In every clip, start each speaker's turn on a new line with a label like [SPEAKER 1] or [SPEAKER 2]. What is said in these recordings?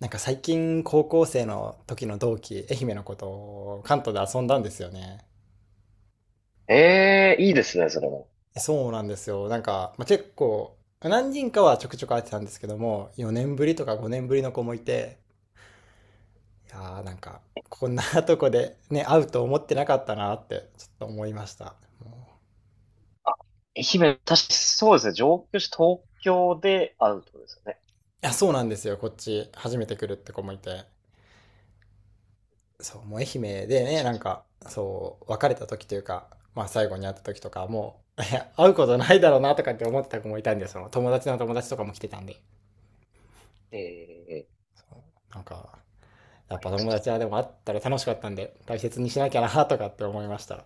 [SPEAKER 1] なんか最近高校生の時の同期、愛媛の子と関東で遊んだんですよね。
[SPEAKER 2] ええいいですね、それも。
[SPEAKER 1] そうなんですよ。なんか、まあ、結構、何人かはちょくちょく会ってたんですけども、4年ぶりとか5年ぶりの子もいて、いやーなんか、こんなとこでね、会うと思ってなかったなって、ちょっと思いました。もう
[SPEAKER 2] 愛媛、確かにそうですね、上京して東京で会うってことですよね。
[SPEAKER 1] いや、そうなんですよ。こっち、初めて来るって子もいて。そう、もう愛媛でね、
[SPEAKER 2] 確
[SPEAKER 1] な
[SPEAKER 2] か
[SPEAKER 1] んか、そう、別れた時というか、まあ最後に会った時とか、もう、いや会うことないだろうなとかって思ってた子もいたんで、その友達の友達とかも来てたんで、
[SPEAKER 2] に。ええ
[SPEAKER 1] なんか、やっぱ
[SPEAKER 2] ちょっ
[SPEAKER 1] 友達
[SPEAKER 2] と
[SPEAKER 1] はでも会ったら楽しかったんで、大切にしなきゃなとかって思いました。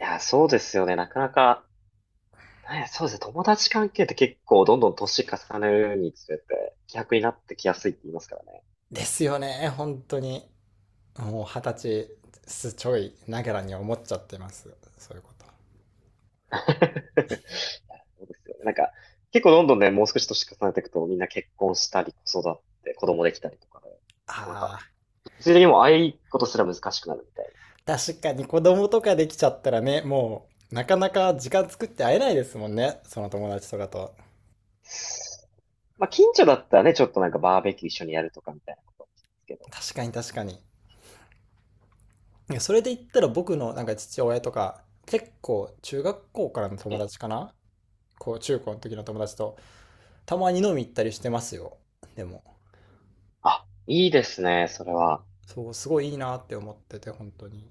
[SPEAKER 2] いや、そうですよね、なかなか、なんや、そうですね、友達関係って結構どんどん年重ねるにつれて、希薄になってきやすいって言いますからね。
[SPEAKER 1] ですよね、本当に。もう二十歳すちょいながらに思っちゃってます。そういうこと。
[SPEAKER 2] いやそうですよね。結構どんどんね、もう少し年重ねていくと、みんな結婚したり、子育て、子供できたりとかで、なんか、
[SPEAKER 1] ああ、
[SPEAKER 2] 物理的にもああいうことすら難しくなるみたいな。
[SPEAKER 1] 確かに子供とかできちゃったらね、もう、なかなか時間作って会えないですもんね、その友達とかと。
[SPEAKER 2] まあ、近所だったらね、ちょっとなんかバーベキュー一緒にやるとかみたいなことですけど。
[SPEAKER 1] 確かに確かに。それで言ったら僕のなんか父親とか、結構中学校からの
[SPEAKER 2] え、
[SPEAKER 1] 友達かな、こう中高の時の友達と、たまに飲み行ったりしてますよ。でも、
[SPEAKER 2] あ、いいですね、それは。
[SPEAKER 1] そう、すごいいいなって思ってて、本当に。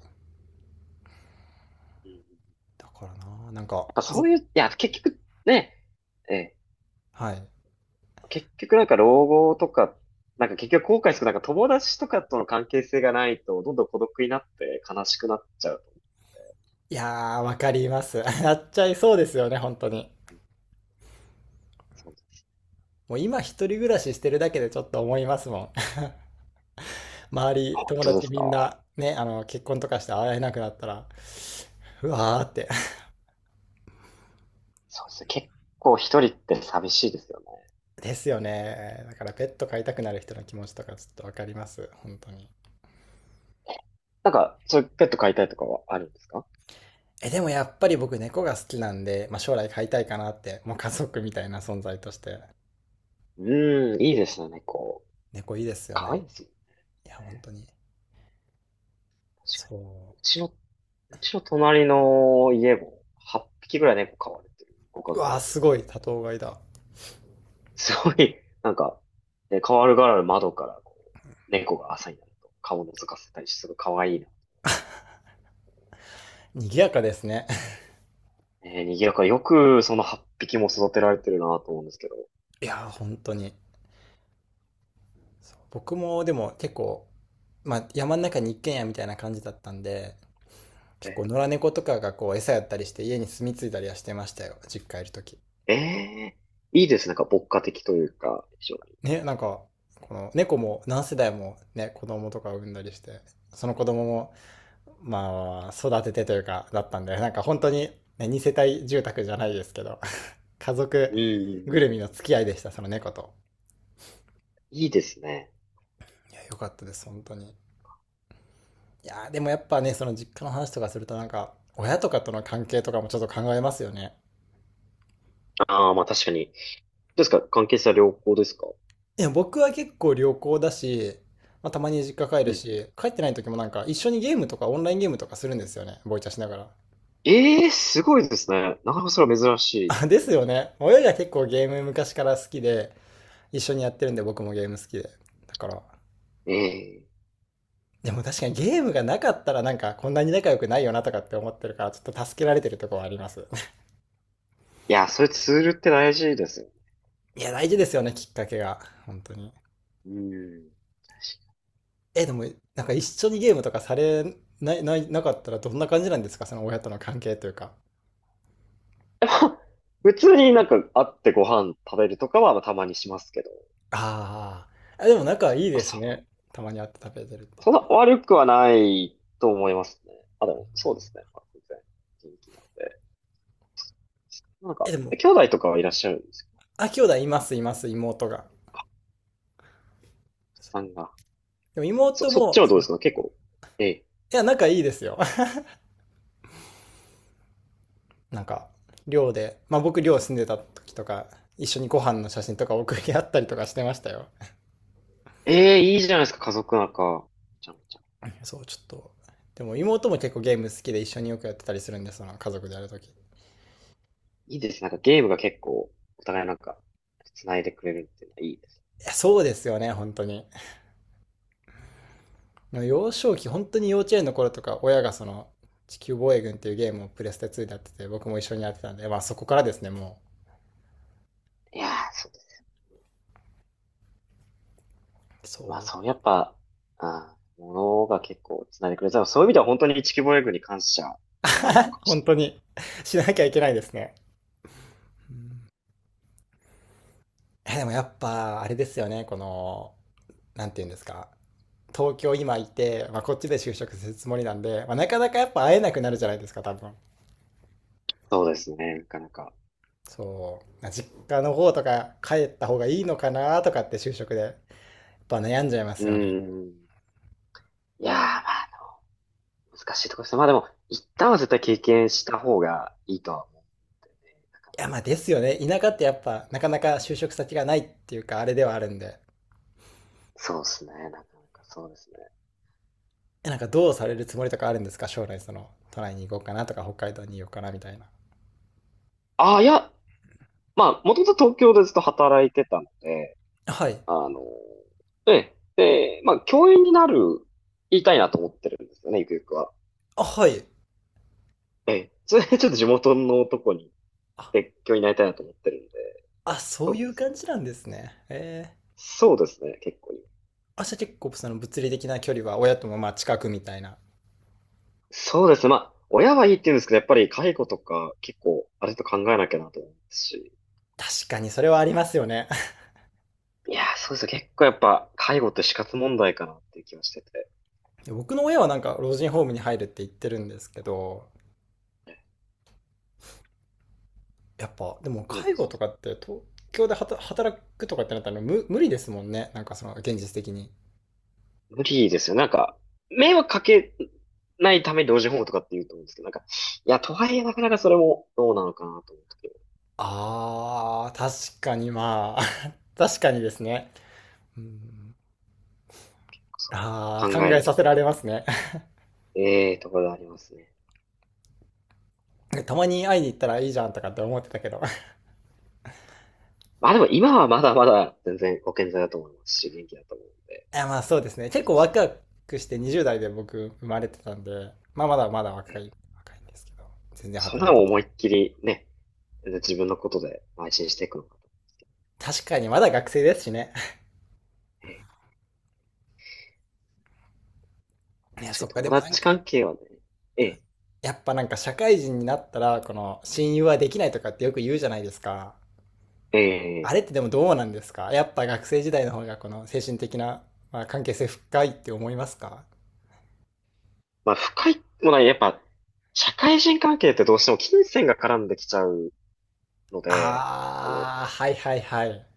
[SPEAKER 2] うんやっ
[SPEAKER 1] だからな、なんか、
[SPEAKER 2] ぱそ
[SPEAKER 1] ず
[SPEAKER 2] ういう、いや、結局ね、え、
[SPEAKER 1] はい。
[SPEAKER 2] 結局なんか老後とか、なんか結局後悔する、なんか友達とかとの関係性がないと、どんどん孤独になって悲しくなっちゃうと思う。
[SPEAKER 1] いやー、わかります。やっちゃいそうですよね、本当に。
[SPEAKER 2] そうです、
[SPEAKER 1] もう今一人暮らししてるだけでちょっと思いますもん。周
[SPEAKER 2] あ
[SPEAKER 1] り、
[SPEAKER 2] 本
[SPEAKER 1] 友
[SPEAKER 2] 当で
[SPEAKER 1] 達
[SPEAKER 2] す
[SPEAKER 1] みん
[SPEAKER 2] か、
[SPEAKER 1] な、ね、あの、結婚とかして会えなくなったら、うわーって。
[SPEAKER 2] そうですね。結構一人って寂しいですよね。
[SPEAKER 1] ですよね。だからペット飼いたくなる人の気持ちとかちょっとわかります。本当に。
[SPEAKER 2] なんか、そういうペット飼いたいとかはあるんですか？
[SPEAKER 1] え、でもやっぱり僕猫が好きなんで、まあ、将来飼いたいかなって、もう家族みたいな存在として。
[SPEAKER 2] うーん、いいですね、猫。
[SPEAKER 1] 猫いいですよ
[SPEAKER 2] 可愛い
[SPEAKER 1] ね。
[SPEAKER 2] ですよ。
[SPEAKER 1] いや、本当に。
[SPEAKER 2] 確か
[SPEAKER 1] そ
[SPEAKER 2] に。うちの隣の家も8匹ぐらい猫飼われてるご家
[SPEAKER 1] う。う
[SPEAKER 2] 族
[SPEAKER 1] わー、
[SPEAKER 2] がす。
[SPEAKER 1] すごい。多頭飼いだ。
[SPEAKER 2] すごい、なんか、ね、変わる変わる窓からこう、猫が朝になると顔を覗かせたりして、すごい可愛いな。
[SPEAKER 1] 賑やかですね。
[SPEAKER 2] えー、賑やかでよくその8匹も育てられてるなと思うんですけど。
[SPEAKER 1] いやー、本当に。そう僕もでも結構、まあ、山の中に一軒家みたいな感じだったんで、結
[SPEAKER 2] え
[SPEAKER 1] 構野良猫とかがこう餌やったりして家に住み着いたりはしてましたよ。実家いる時。
[SPEAKER 2] ー、えーいいですね。なんか牧歌的というか、非常に。
[SPEAKER 1] ね、なんか、この猫も何世代もね、子供とか産んだりして、その子供も、まあ、育ててというか、だったんで、なんか本当に、ね、二世帯住宅じゃないですけど、家族
[SPEAKER 2] うんうんうんう
[SPEAKER 1] ぐるみの
[SPEAKER 2] ん。
[SPEAKER 1] 付き合いでした、その猫と。
[SPEAKER 2] いいですね。
[SPEAKER 1] いや、良かったです、本当に。いやー、でもやっぱね、その実家の話とかするとなんか、親とかとの関係とかもちょっと考えますよね。
[SPEAKER 2] ああ、まあ確かに。どうですか、関係性は良好ですか？
[SPEAKER 1] いや、僕は結構良好だし、まあ、たまに実家帰
[SPEAKER 2] う
[SPEAKER 1] る
[SPEAKER 2] んう
[SPEAKER 1] し、
[SPEAKER 2] ん。
[SPEAKER 1] 帰ってない時もなんか一緒にゲームとかオンラインゲームとかするんですよね、ボイチャしながら。
[SPEAKER 2] ええー、すごいですね。なかなかそれは珍しい
[SPEAKER 1] あ、で
[SPEAKER 2] イメ
[SPEAKER 1] す
[SPEAKER 2] ー
[SPEAKER 1] よ
[SPEAKER 2] ジ。
[SPEAKER 1] ね。親が結構ゲーム昔から好きで、一緒にやってるんで僕もゲーム好きで。だから、
[SPEAKER 2] ええー
[SPEAKER 1] でも確かにゲームがなかったらなんかこんなに仲良くないよなとかって思ってるから、ちょっと助けられてるとこはあります。
[SPEAKER 2] いや、それツールって大事ですよ。
[SPEAKER 1] いや、大事ですよね、きっかけが。本当に。
[SPEAKER 2] うん。
[SPEAKER 1] え、でも、なんか一緒にゲームとかされない、ない、なかったらどんな感じなんですかその親との関係というか。
[SPEAKER 2] 普通になんか会ってご飯食べるとかはまあたまにしますけど、
[SPEAKER 1] あーあ。でも仲いい
[SPEAKER 2] まあ、
[SPEAKER 1] です
[SPEAKER 2] その、
[SPEAKER 1] ね。たまに会って食べてるって。
[SPEAKER 2] そんな悪くはないと思いますね。あ、でも、そうですね。まあ、全然元気なんで。なん
[SPEAKER 1] え、
[SPEAKER 2] か、
[SPEAKER 1] で
[SPEAKER 2] え
[SPEAKER 1] も、
[SPEAKER 2] 兄弟とかはいらっしゃるんですか？
[SPEAKER 1] あ、兄弟います、います、妹が。
[SPEAKER 2] さんが。
[SPEAKER 1] でも
[SPEAKER 2] そ、
[SPEAKER 1] 妹
[SPEAKER 2] そっち
[SPEAKER 1] も、
[SPEAKER 2] はどうですか結構。ええ。
[SPEAKER 1] いや、仲いいですよ。なんか、寮で、まあ僕寮住んでた時とか、一緒にご飯の写真とか送り合ったりとかしてましたよ。
[SPEAKER 2] ええ、いいじゃないですか、家族なんか。ちゃんちゃん。
[SPEAKER 1] そう、ちょっと。でも妹も結構ゲーム好きで一緒によくやってたりするんで、その家族でやるとき。い
[SPEAKER 2] いいですね。なんかゲームが結構、お互いなんか、繋いでくれるっていうのはいいです
[SPEAKER 1] や、そうですよね、本当に。幼少期、本当に幼稚園の頃とか、親がその、地球防衛軍っていうゲームをプレステ2でやってて、僕も一緒にやってたんで、まあそこからですね、も
[SPEAKER 2] ね。いやー、そう。
[SPEAKER 1] う。そう
[SPEAKER 2] やっぱ、あものが結構繋いでくれた。そういう意味では本当に地球防衛軍に感謝ではあるのか もし
[SPEAKER 1] 本
[SPEAKER 2] れな
[SPEAKER 1] 当
[SPEAKER 2] い。
[SPEAKER 1] に しなきゃいけないですね。でもやっぱ、あれですよね、この、なんていうんですか。東京今いて、まあ、こっちで就職するつもりなんで、まあ、なかなかやっぱ会えなくなるじゃないですか多分。
[SPEAKER 2] そうですね、なかなか。
[SPEAKER 1] そう実家の方とか帰った方がいいのかなとかって就職でやっぱ悩んじゃいま
[SPEAKER 2] うー
[SPEAKER 1] すよね。
[SPEAKER 2] ん。いやー、まあ、難しいところですね。まあでも、一旦は絶対経験した方がいいとは思うんでね。なかな
[SPEAKER 1] いやまあ
[SPEAKER 2] か。
[SPEAKER 1] ですよね、田舎ってやっぱなかなか就職先がないっていうかあれではあるんで。
[SPEAKER 2] そうですね、なかなかそうですね。
[SPEAKER 1] なんかどうされるつもりとかあるんですか、将来。その都内に行こうかなとか北海道に行こうかなみたいな。
[SPEAKER 2] ああ、いや、まあ、もともと東京でずっと働いてたので、
[SPEAKER 1] はい。
[SPEAKER 2] あの、ええ、で、まあ、教員になる、言いたいなと思ってるんですよね、ゆくゆくは。
[SPEAKER 1] あはい。
[SPEAKER 2] ええ、それでちょっと地元のとこに
[SPEAKER 1] あ
[SPEAKER 2] 別居になりたいなと思ってるんで、
[SPEAKER 1] あ、そ
[SPEAKER 2] そ
[SPEAKER 1] う
[SPEAKER 2] う
[SPEAKER 1] い
[SPEAKER 2] で
[SPEAKER 1] う
[SPEAKER 2] す
[SPEAKER 1] 感
[SPEAKER 2] ね。
[SPEAKER 1] じなんですね。ええ。
[SPEAKER 2] そうですね、結構
[SPEAKER 1] あ、じゃあ結構その物理的な距離は親ともまあ近くみたいな。
[SPEAKER 2] そうですね、まあ、親はいいって言うんですけど、やっぱり介護とか結構、あれと考えなきゃなと思うまし、
[SPEAKER 1] 確かにそれはありますよね。
[SPEAKER 2] いやー、そうですね、結構やっぱ、介護って死活問題かなっていう気はしてて、
[SPEAKER 1] 僕の親はなんか老人ホームに入るって言ってるんですけど、やっぱ、でも
[SPEAKER 2] なんで
[SPEAKER 1] 介護とかって東京で働くとかってなったら無理ですもんね。なんかその現実的に。
[SPEAKER 2] 無理ですよ、迷惑かけないために老人ホームとかって言うと思うんですけど、なんか、いや、とはいえなかなかそれもどうなのかなと思うとき、
[SPEAKER 1] あー、確かにまあ、確かにですね。うん。
[SPEAKER 2] そこ
[SPEAKER 1] あ
[SPEAKER 2] 考
[SPEAKER 1] ー、考
[SPEAKER 2] え
[SPEAKER 1] え
[SPEAKER 2] る
[SPEAKER 1] さ
[SPEAKER 2] と、
[SPEAKER 1] せられますね。
[SPEAKER 2] ええところがありますね。
[SPEAKER 1] たまに会いに行ったらいいじゃんとかって思ってたけど。
[SPEAKER 2] まあでも今はまだまだ全然ご健在だと思いますし、元気だと思う。
[SPEAKER 1] いやまあそうですね。
[SPEAKER 2] ミ
[SPEAKER 1] 結
[SPEAKER 2] ッ
[SPEAKER 1] 構ワ
[SPEAKER 2] キー、
[SPEAKER 1] クワクして20代で僕生まれてたんで、まあまだまだ若
[SPEAKER 2] え
[SPEAKER 1] い、若いんですけど、全然
[SPEAKER 2] それ
[SPEAKER 1] 働
[SPEAKER 2] で
[SPEAKER 1] い
[SPEAKER 2] も
[SPEAKER 1] て。
[SPEAKER 2] 思いっきりね、自分のことで邁進していくのか。
[SPEAKER 1] 確かにまだ学生ですしね。
[SPEAKER 2] ええ、
[SPEAKER 1] いや、
[SPEAKER 2] 確か
[SPEAKER 1] そ
[SPEAKER 2] に
[SPEAKER 1] っか、で
[SPEAKER 2] 友
[SPEAKER 1] もなん
[SPEAKER 2] 達
[SPEAKER 1] か、
[SPEAKER 2] 関係はね、ええ、
[SPEAKER 1] やっぱなんか社会人になったら、この親友はできないとかってよく言うじゃないですか。
[SPEAKER 2] え
[SPEAKER 1] あ
[SPEAKER 2] え、
[SPEAKER 1] れってでもどうなんですか、やっぱ学生時代の方がこの精神的な、まあ、関係性深いって思いますか。
[SPEAKER 2] まあ深いもないやっぱ、社会人関係ってどうしても金銭が絡んできちゃうので、あの、
[SPEAKER 1] あー、はいはいはい。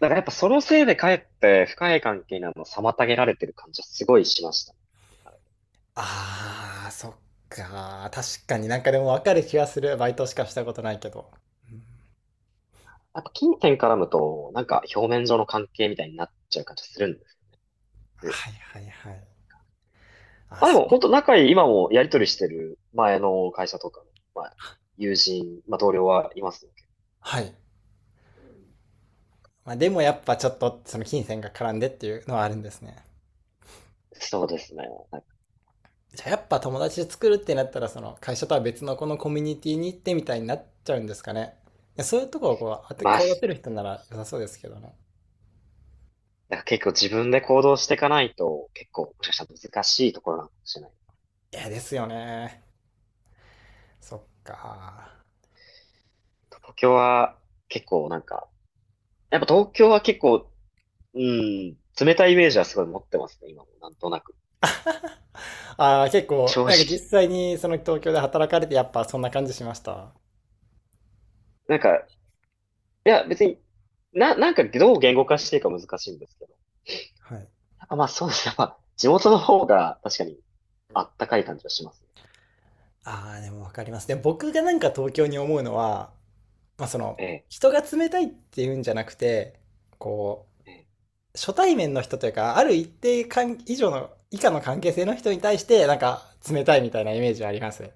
[SPEAKER 2] だからやっぱそのせいでかえって深い関係にあのを妨げられてる感じはすごいしました。
[SPEAKER 1] あー、そっか。確かになんかでもわかる気がする。バイトしかしたことないけど。うん。
[SPEAKER 2] やっぱ金銭絡むと、なんか表面上の関係みたいになっちゃう感じがするんです。
[SPEAKER 1] はいはいはい。あ
[SPEAKER 2] あ、で
[SPEAKER 1] そ
[SPEAKER 2] も
[SPEAKER 1] こ。
[SPEAKER 2] 本当仲いい、今もやりとりしてる前の会社とかの、まあ、友人、まあ同僚はいますね。
[SPEAKER 1] はい。まあでもやっぱちょっとその金銭が絡んでっていうのはあるんですね。
[SPEAKER 2] そうですね。なんか
[SPEAKER 1] じゃあやっぱ友達で作るってなったら、その会社とは別のこのコミュニティに行ってみたいになっちゃうんですかね。いや、そういうとこをこう、
[SPEAKER 2] まあ、
[SPEAKER 1] 顔出せる人なら良さそうですけどね。
[SPEAKER 2] なんか結構自分で行動していかないと結構もしかしたら難しいところなのかもしれない。
[SPEAKER 1] いや、ですよね。そっか。
[SPEAKER 2] 東京は結構なんか、やっぱ東京は結構、うん、冷たいイメージはすごい持ってますね、今もなんとなく。
[SPEAKER 1] ああ、結構、
[SPEAKER 2] 正
[SPEAKER 1] なんか実
[SPEAKER 2] 直。
[SPEAKER 1] 際にその東京で働かれてやっぱそんな感じしました。
[SPEAKER 2] なんか、いや別に、な、なんかどう言語化していいか難しいんですけど。
[SPEAKER 1] はい。
[SPEAKER 2] やっぱまあそうですね。まあ地元の方が確かにあったかい感じはします。
[SPEAKER 1] ああ、でもわかります。で、僕がなんか東京に思うのは、まあその、
[SPEAKER 2] ええ、
[SPEAKER 1] 人が冷たいっていうんじゃなくて、こう、
[SPEAKER 2] ええ。
[SPEAKER 1] 初対面の人というか、ある一定以上の、以下の関係性の人に対して、なんか、冷たいみたいなイメージはありますね。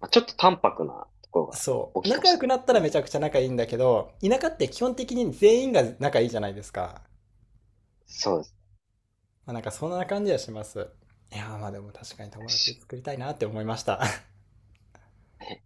[SPEAKER 2] まあ、ちょっと淡白なところが
[SPEAKER 1] そ
[SPEAKER 2] 大
[SPEAKER 1] う。
[SPEAKER 2] きいかも
[SPEAKER 1] 仲
[SPEAKER 2] し
[SPEAKER 1] 良
[SPEAKER 2] れ
[SPEAKER 1] く
[SPEAKER 2] ない
[SPEAKER 1] な
[SPEAKER 2] で
[SPEAKER 1] った
[SPEAKER 2] す
[SPEAKER 1] ら
[SPEAKER 2] ね。
[SPEAKER 1] めちゃくちゃ仲いいんだけど、田舎って基本的に全員が仲いいじゃないですか。
[SPEAKER 2] そうです。
[SPEAKER 1] まあ、なんかそんな感じはします。いやーまあでも確かに友達
[SPEAKER 2] 確
[SPEAKER 1] 作りたいなって思いました。
[SPEAKER 2] かに